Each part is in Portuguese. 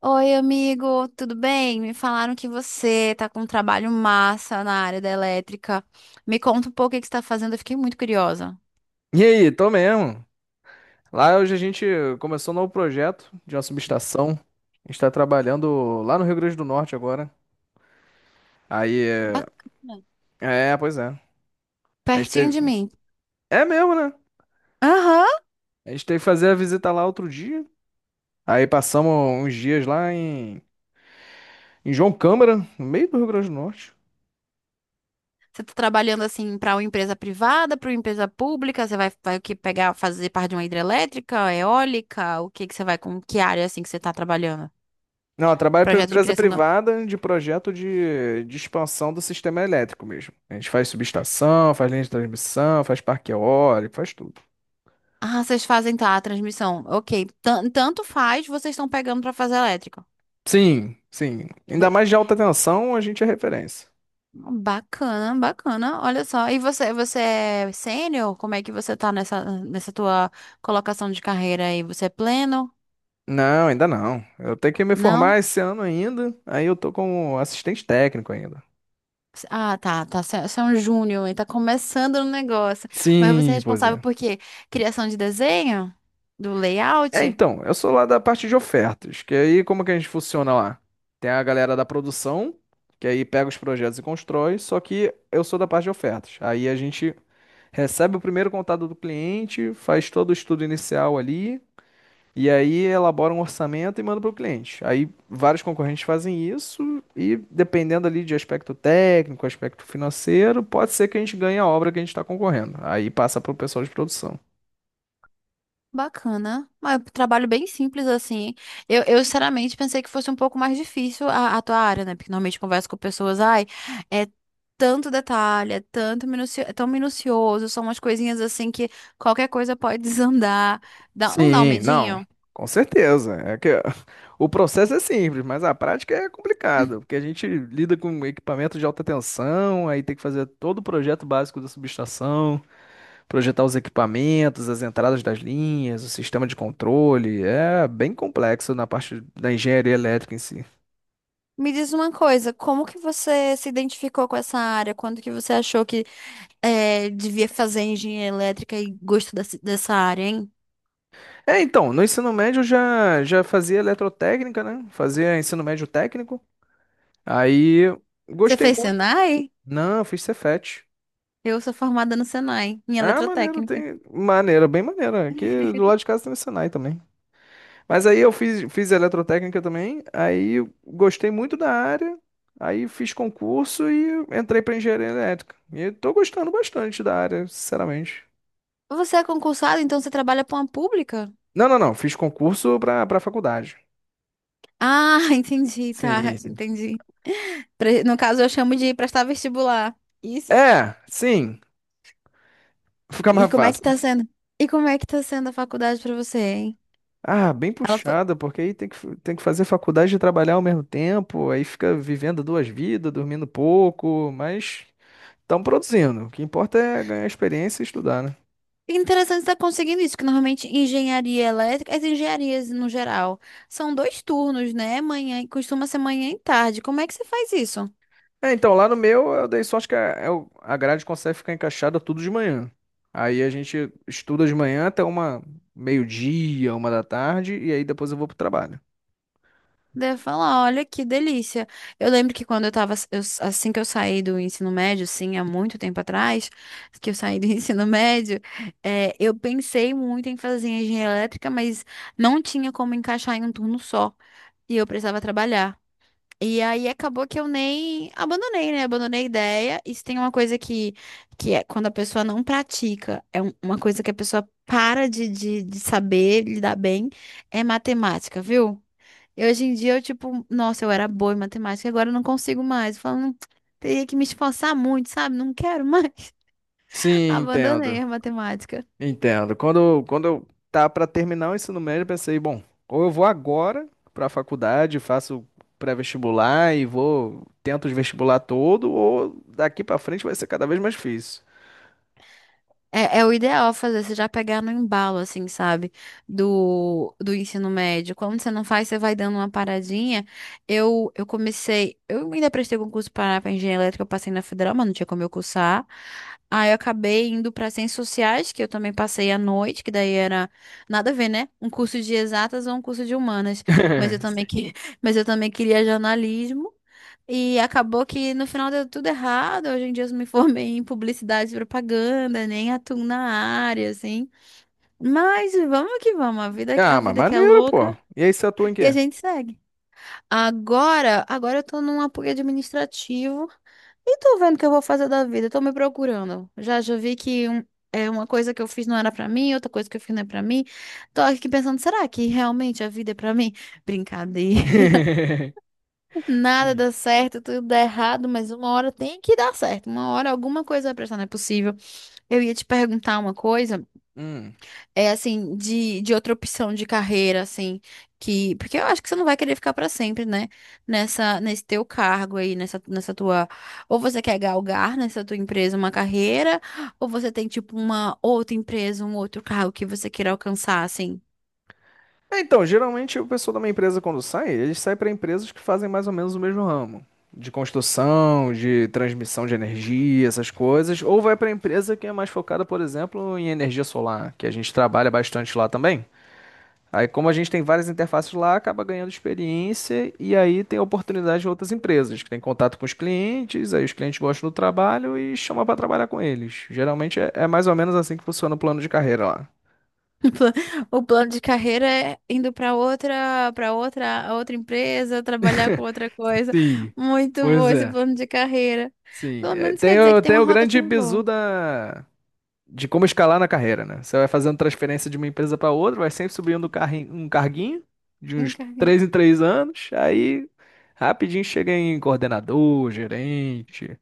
Oi, amigo, tudo bem? Me falaram que você tá com um trabalho massa na área da elétrica. Me conta um pouco o que você tá fazendo, eu fiquei muito curiosa. E aí, tô mesmo. Lá hoje a gente começou um novo projeto de uma subestação. A gente tá trabalhando lá no Rio Grande do Norte agora. Aí, Bacana. é, é, pois é. A gente Pertinho teve. de mim. É mesmo, né? Aham. A gente teve que fazer a visita lá outro dia. Aí passamos uns dias lá em João Câmara, no meio do Rio Grande do Norte. Você tá trabalhando assim para uma empresa privada, para uma empresa pública? Você vai o que pegar, fazer parte de uma hidrelétrica, eólica? O que você vai com que área assim que você tá trabalhando? Não, eu trabalho para uma Projeto de empresa criação da... privada de projeto de expansão do sistema elétrico mesmo. A gente faz subestação, faz linha de transmissão, faz parque eólico, faz tudo. Ah, vocês fazem tá a transmissão. OK. Tanto faz, vocês estão pegando para fazer elétrica. Sim, sim. Ainda mais de alta tensão, a gente é referência. Bacana, bacana. Olha só. E você, você é sênior? Como é que você tá nessa tua colocação de carreira aí? Você é pleno? Não, ainda não. Eu tenho que me Não? formar esse ano ainda. Aí eu tô como assistente técnico ainda. Ah, tá, tá. Você é um júnior e tá começando no negócio. Mas você é Sim, pois responsável por é. quê? Criação de desenho? Do É, layout? então, eu sou lá da parte de ofertas, que aí como que a gente funciona lá? Tem a galera da produção, que aí pega os projetos e constrói, só que eu sou da parte de ofertas. Aí a gente recebe o primeiro contato do cliente, faz todo o estudo inicial ali, e aí elabora um orçamento e manda para o cliente. Aí vários concorrentes fazem isso e dependendo ali de aspecto técnico, aspecto financeiro, pode ser que a gente ganhe a obra que a gente está concorrendo. Aí passa para o pessoal de produção. Bacana. Mas é um trabalho bem simples, assim. Sinceramente, pensei que fosse um pouco mais difícil a tua área, né? Porque normalmente eu converso com pessoas, ai, é tanto detalhe, é tanto minucio... é tão minucioso, são umas coisinhas assim que qualquer coisa pode desandar. Não dá um Sim, não, medinho? com certeza. É que o processo é simples, mas a prática é complicada, porque a gente lida com equipamento de alta tensão, aí tem que fazer todo o projeto básico da subestação. Projetar os equipamentos, as entradas das linhas, o sistema de controle. É bem complexo na parte da engenharia elétrica em si. Me diz uma coisa, como que você se identificou com essa área? Quando que você achou que devia fazer engenharia elétrica e gostou dessa área, hein? É, então, no ensino médio eu já fazia eletrotécnica, né? Fazia ensino médio técnico. Aí Você gostei fez muito. Senai? Não, eu fiz Cefet. Eu sou formada no Senai, em Ah, maneiro, eletrotécnica. tem. Maneiro, bem maneiro. Aqui do lado de casa tem o Senai também. Mas aí eu fiz, fiz eletrotécnica também, aí eu gostei muito da área, aí fiz concurso e entrei para engenharia elétrica. E eu tô gostando bastante da área, sinceramente. Você é concursado, então você trabalha para uma pública? Não, não, não, fiz concurso para faculdade. Ah, entendi, tá, Sim, sim. entendi. No caso, eu chamo de prestar vestibular. Isso. É, sim, fica E mais como é que fácil. tá sendo? E como é que tá sendo a faculdade para você, hein? Ah, bem Ela foi puxada, porque aí tem que fazer faculdade e trabalhar ao mesmo tempo, aí fica vivendo duas vidas, dormindo pouco, mas estão produzindo. O que importa é ganhar experiência e estudar, né? interessante estar conseguindo isso, que normalmente engenharia elétrica, as engenharias no geral, são dois turnos, né? Manhã, costuma ser manhã e tarde. Como é que você faz isso? É, então, lá no meu eu dei sorte que a grade consegue ficar encaixada tudo de manhã. Aí a gente estuda de manhã até uma meio-dia, uma da tarde, e aí depois eu vou pro trabalho. Deve falar, olha que delícia. Eu lembro que quando eu tava, assim que eu saí do ensino médio, assim, há muito tempo atrás, que eu saí do ensino médio, eu pensei muito em fazer engenharia elétrica, mas não tinha como encaixar em um turno só, e eu precisava trabalhar. E aí acabou que eu nem abandonei, né? Abandonei a ideia. E se tem uma coisa que é quando a pessoa não pratica, é uma coisa que a pessoa para de saber lidar bem, é matemática, viu? E hoje em dia eu, tipo, nossa, eu era boa em matemática, agora eu não consigo mais. Falando, teria que me esforçar muito, sabe? Não quero mais. Sim, Abandonei entendo. a matemática. Entendo. Quando eu tá para terminar o ensino médio, eu pensei, bom, ou eu vou agora para a faculdade, faço pré-vestibular e vou, tento os vestibular todo, ou daqui para frente vai ser cada vez mais difícil. É, é o ideal fazer, você já pegar no embalo, assim, sabe? Do ensino médio. Quando você não faz, você vai dando uma paradinha. Eu comecei, eu ainda prestei concurso para engenharia elétrica, eu passei na federal, mas não tinha como eu cursar. Aí eu acabei indo para ciências sociais, que eu também passei à noite, que daí era nada a ver, né? Um curso de exatas ou um curso de humanas. Mas eu também Sim. que, mas eu também queria jornalismo. E acabou que no final deu tudo errado. Hoje em dia eu me formei em publicidade e propaganda, nem atuo na área, assim. Mas vamos que vamos, a Ah, mas vida que é maneiro, pô. louca E aí você atua em e a quê? gente segue. Agora, agora eu tô num apoio administrativo e tô vendo o que eu vou fazer da vida, tô me procurando. Já já vi que é uma coisa que eu fiz não era pra mim, outra coisa que eu fiz não é pra mim. Tô aqui pensando, será que realmente a vida é pra mim? Brincadeira. Nada Sim. dá certo, tudo dá errado, mas uma hora tem que dar certo. Uma hora alguma coisa vai prestar, não é possível. Eu ia te perguntar uma coisa, Hum. é assim, de outra opção de carreira, assim, que. Porque eu acho que você não vai querer ficar pra sempre, né? Nesse teu cargo aí, nessa tua. Ou você quer galgar nessa tua empresa uma carreira, ou você tem, tipo, uma outra empresa, um outro cargo que você queira alcançar, assim. É, então, geralmente o pessoal da minha empresa, quando sai, eles saem para empresas que fazem mais ou menos o mesmo ramo. De construção, de transmissão de energia, essas coisas. Ou vai para empresa que é mais focada, por exemplo, em energia solar, que a gente trabalha bastante lá também. Aí, como a gente tem várias interfaces lá, acaba ganhando experiência e aí tem oportunidade de outras empresas, que tem contato com os clientes, aí os clientes gostam do trabalho e chamam para trabalhar com eles. Geralmente é, é mais ou menos assim que funciona o plano de carreira lá. pla- O plano de carreira é indo para outra empresa, trabalhar com outra coisa. Sim, Muito bom pois esse é. plano de carreira. Sim, Pelo é, menos quer tem dizer o, que tem tem uma o grande rotativa bizu boa. da, de como escalar na carreira, né? Você vai fazendo transferência de uma empresa para outra, vai sempre subindo um carguinho de Um uns carre- três em três anos, aí rapidinho chega em coordenador, gerente.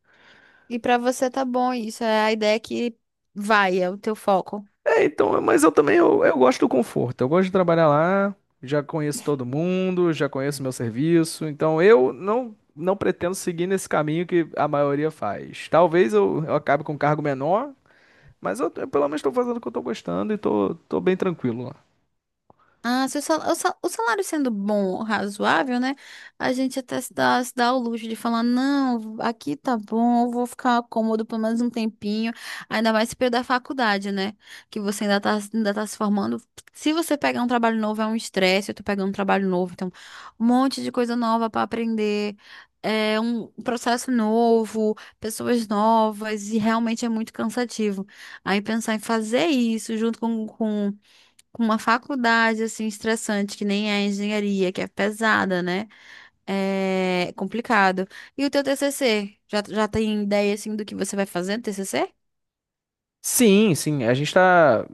E para você tá bom isso, é a ideia que vai, é o teu foco. É, então, mas eu também eu gosto do conforto, eu gosto de trabalhar lá, já conheço todo mundo, já conheço meu serviço, então eu não, não pretendo seguir nesse caminho que a maioria faz. Talvez eu acabe com um cargo menor. Mas eu pelo menos tô fazendo o que eu tô gostando e tô, tô bem tranquilo lá. Ah, se o salário sendo bom, razoável, né? A gente até se dá o luxo de falar, não, aqui tá bom, eu vou ficar cômodo pelo menos um tempinho, ainda mais se perder a faculdade, né? Que você ainda tá se formando. Se você pegar um trabalho novo, é um estresse, eu tô pegando um trabalho novo, então, um monte de coisa nova pra aprender. É um processo novo, pessoas novas, e realmente é muito cansativo. Aí pensar em fazer isso junto com com uma faculdade assim estressante, que nem é a engenharia, que é pesada, né? É complicado. E o teu TCC? Já, já tem ideia assim do que você vai fazer no TCC? Sim, sim. A gente tá.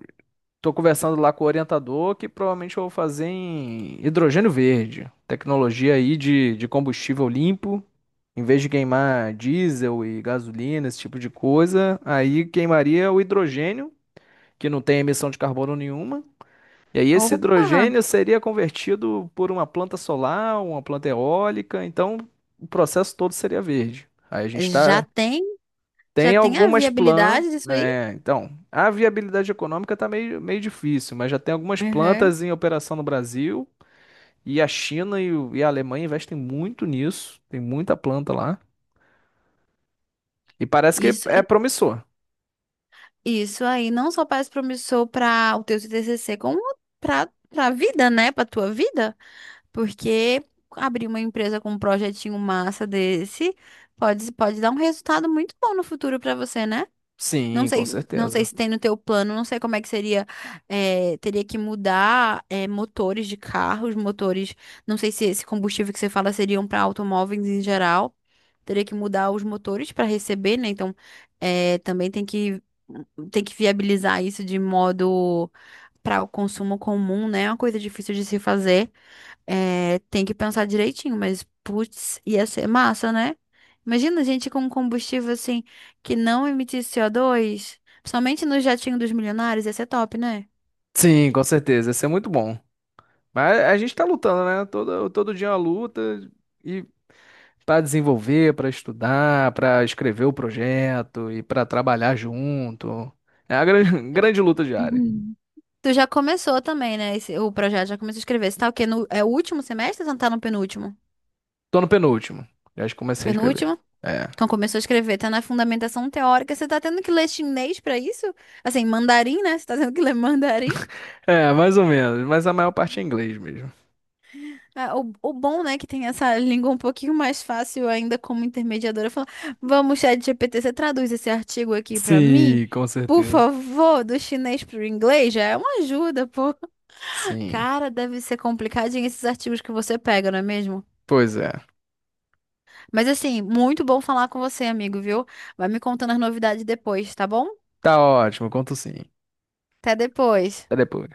Tô conversando lá com o orientador que provavelmente eu vou fazer em hidrogênio verde. Tecnologia aí de combustível limpo. Em vez de queimar diesel e gasolina, esse tipo de coisa, aí queimaria o hidrogênio, que não tem emissão de carbono nenhuma. E aí esse Opa! hidrogênio seria convertido por uma planta solar, uma planta eólica. Então o processo todo seria verde. Aí a gente Já está. tem? Já Tem tem a algumas plantas. viabilidade disso aí? É, então, a viabilidade econômica tá meio, meio difícil, mas já tem algumas Uhum. plantas em operação no Brasil. E a China e a Alemanha investem muito nisso. Tem muita planta lá. E parece que Isso, é i- promissor. isso aí não só parece promissor para o teu TCC, como para vida, né? Para tua vida, porque abrir uma empresa com um projetinho massa desse pode dar um resultado muito bom no futuro para você, né? Não Sim, com sei, não sei certeza. se tem no teu plano, não sei como é que seria. Teria que mudar, motores de carros, motores. Não sei se esse combustível que você fala seriam para automóveis em geral. Teria que mudar os motores para receber, né? Então, também tem tem que viabilizar isso de modo para o consumo comum, né? É uma coisa difícil de se fazer. É, tem que pensar direitinho, mas putz, ia ser massa, né? Imagina a gente com um combustível assim que não emitisse CO2, principalmente no jatinho dos milionários, ia ser top, né? Sim, com certeza. Isso é muito bom. Mas a gente tá lutando, né? Todo dia é uma luta e para desenvolver, para estudar, para escrever o projeto e para trabalhar junto. É a grande, grande luta diária. Uhum. Tu já começou também, né? O projeto já começou a escrever. Você tá o quê? No, é o último semestre ou você tá no penúltimo? Tô no penúltimo. Já comecei a escrever. Penúltimo? É. Então começou a escrever, tá na fundamentação teórica. Você tá tendo que ler chinês pra isso? Assim, mandarim, né? Você tá tendo que ler mandarim? É, mais ou menos, mas a maior parte é inglês mesmo. É, o bom, né, que tem essa língua um pouquinho mais fácil ainda como intermediadora, falar, vamos, chat ChatGPT, você traduz esse artigo aqui pra mim? Sim, com Por certeza. favor, do chinês pro inglês, já é uma ajuda, pô. Sim. Cara, deve ser complicadinho esses artigos que você pega, não é mesmo? Pois é. Mas assim, muito bom falar com você, amigo, viu? Vai me contando as novidades depois, tá bom? Tá ótimo, conto sim. Até depois. Até depois.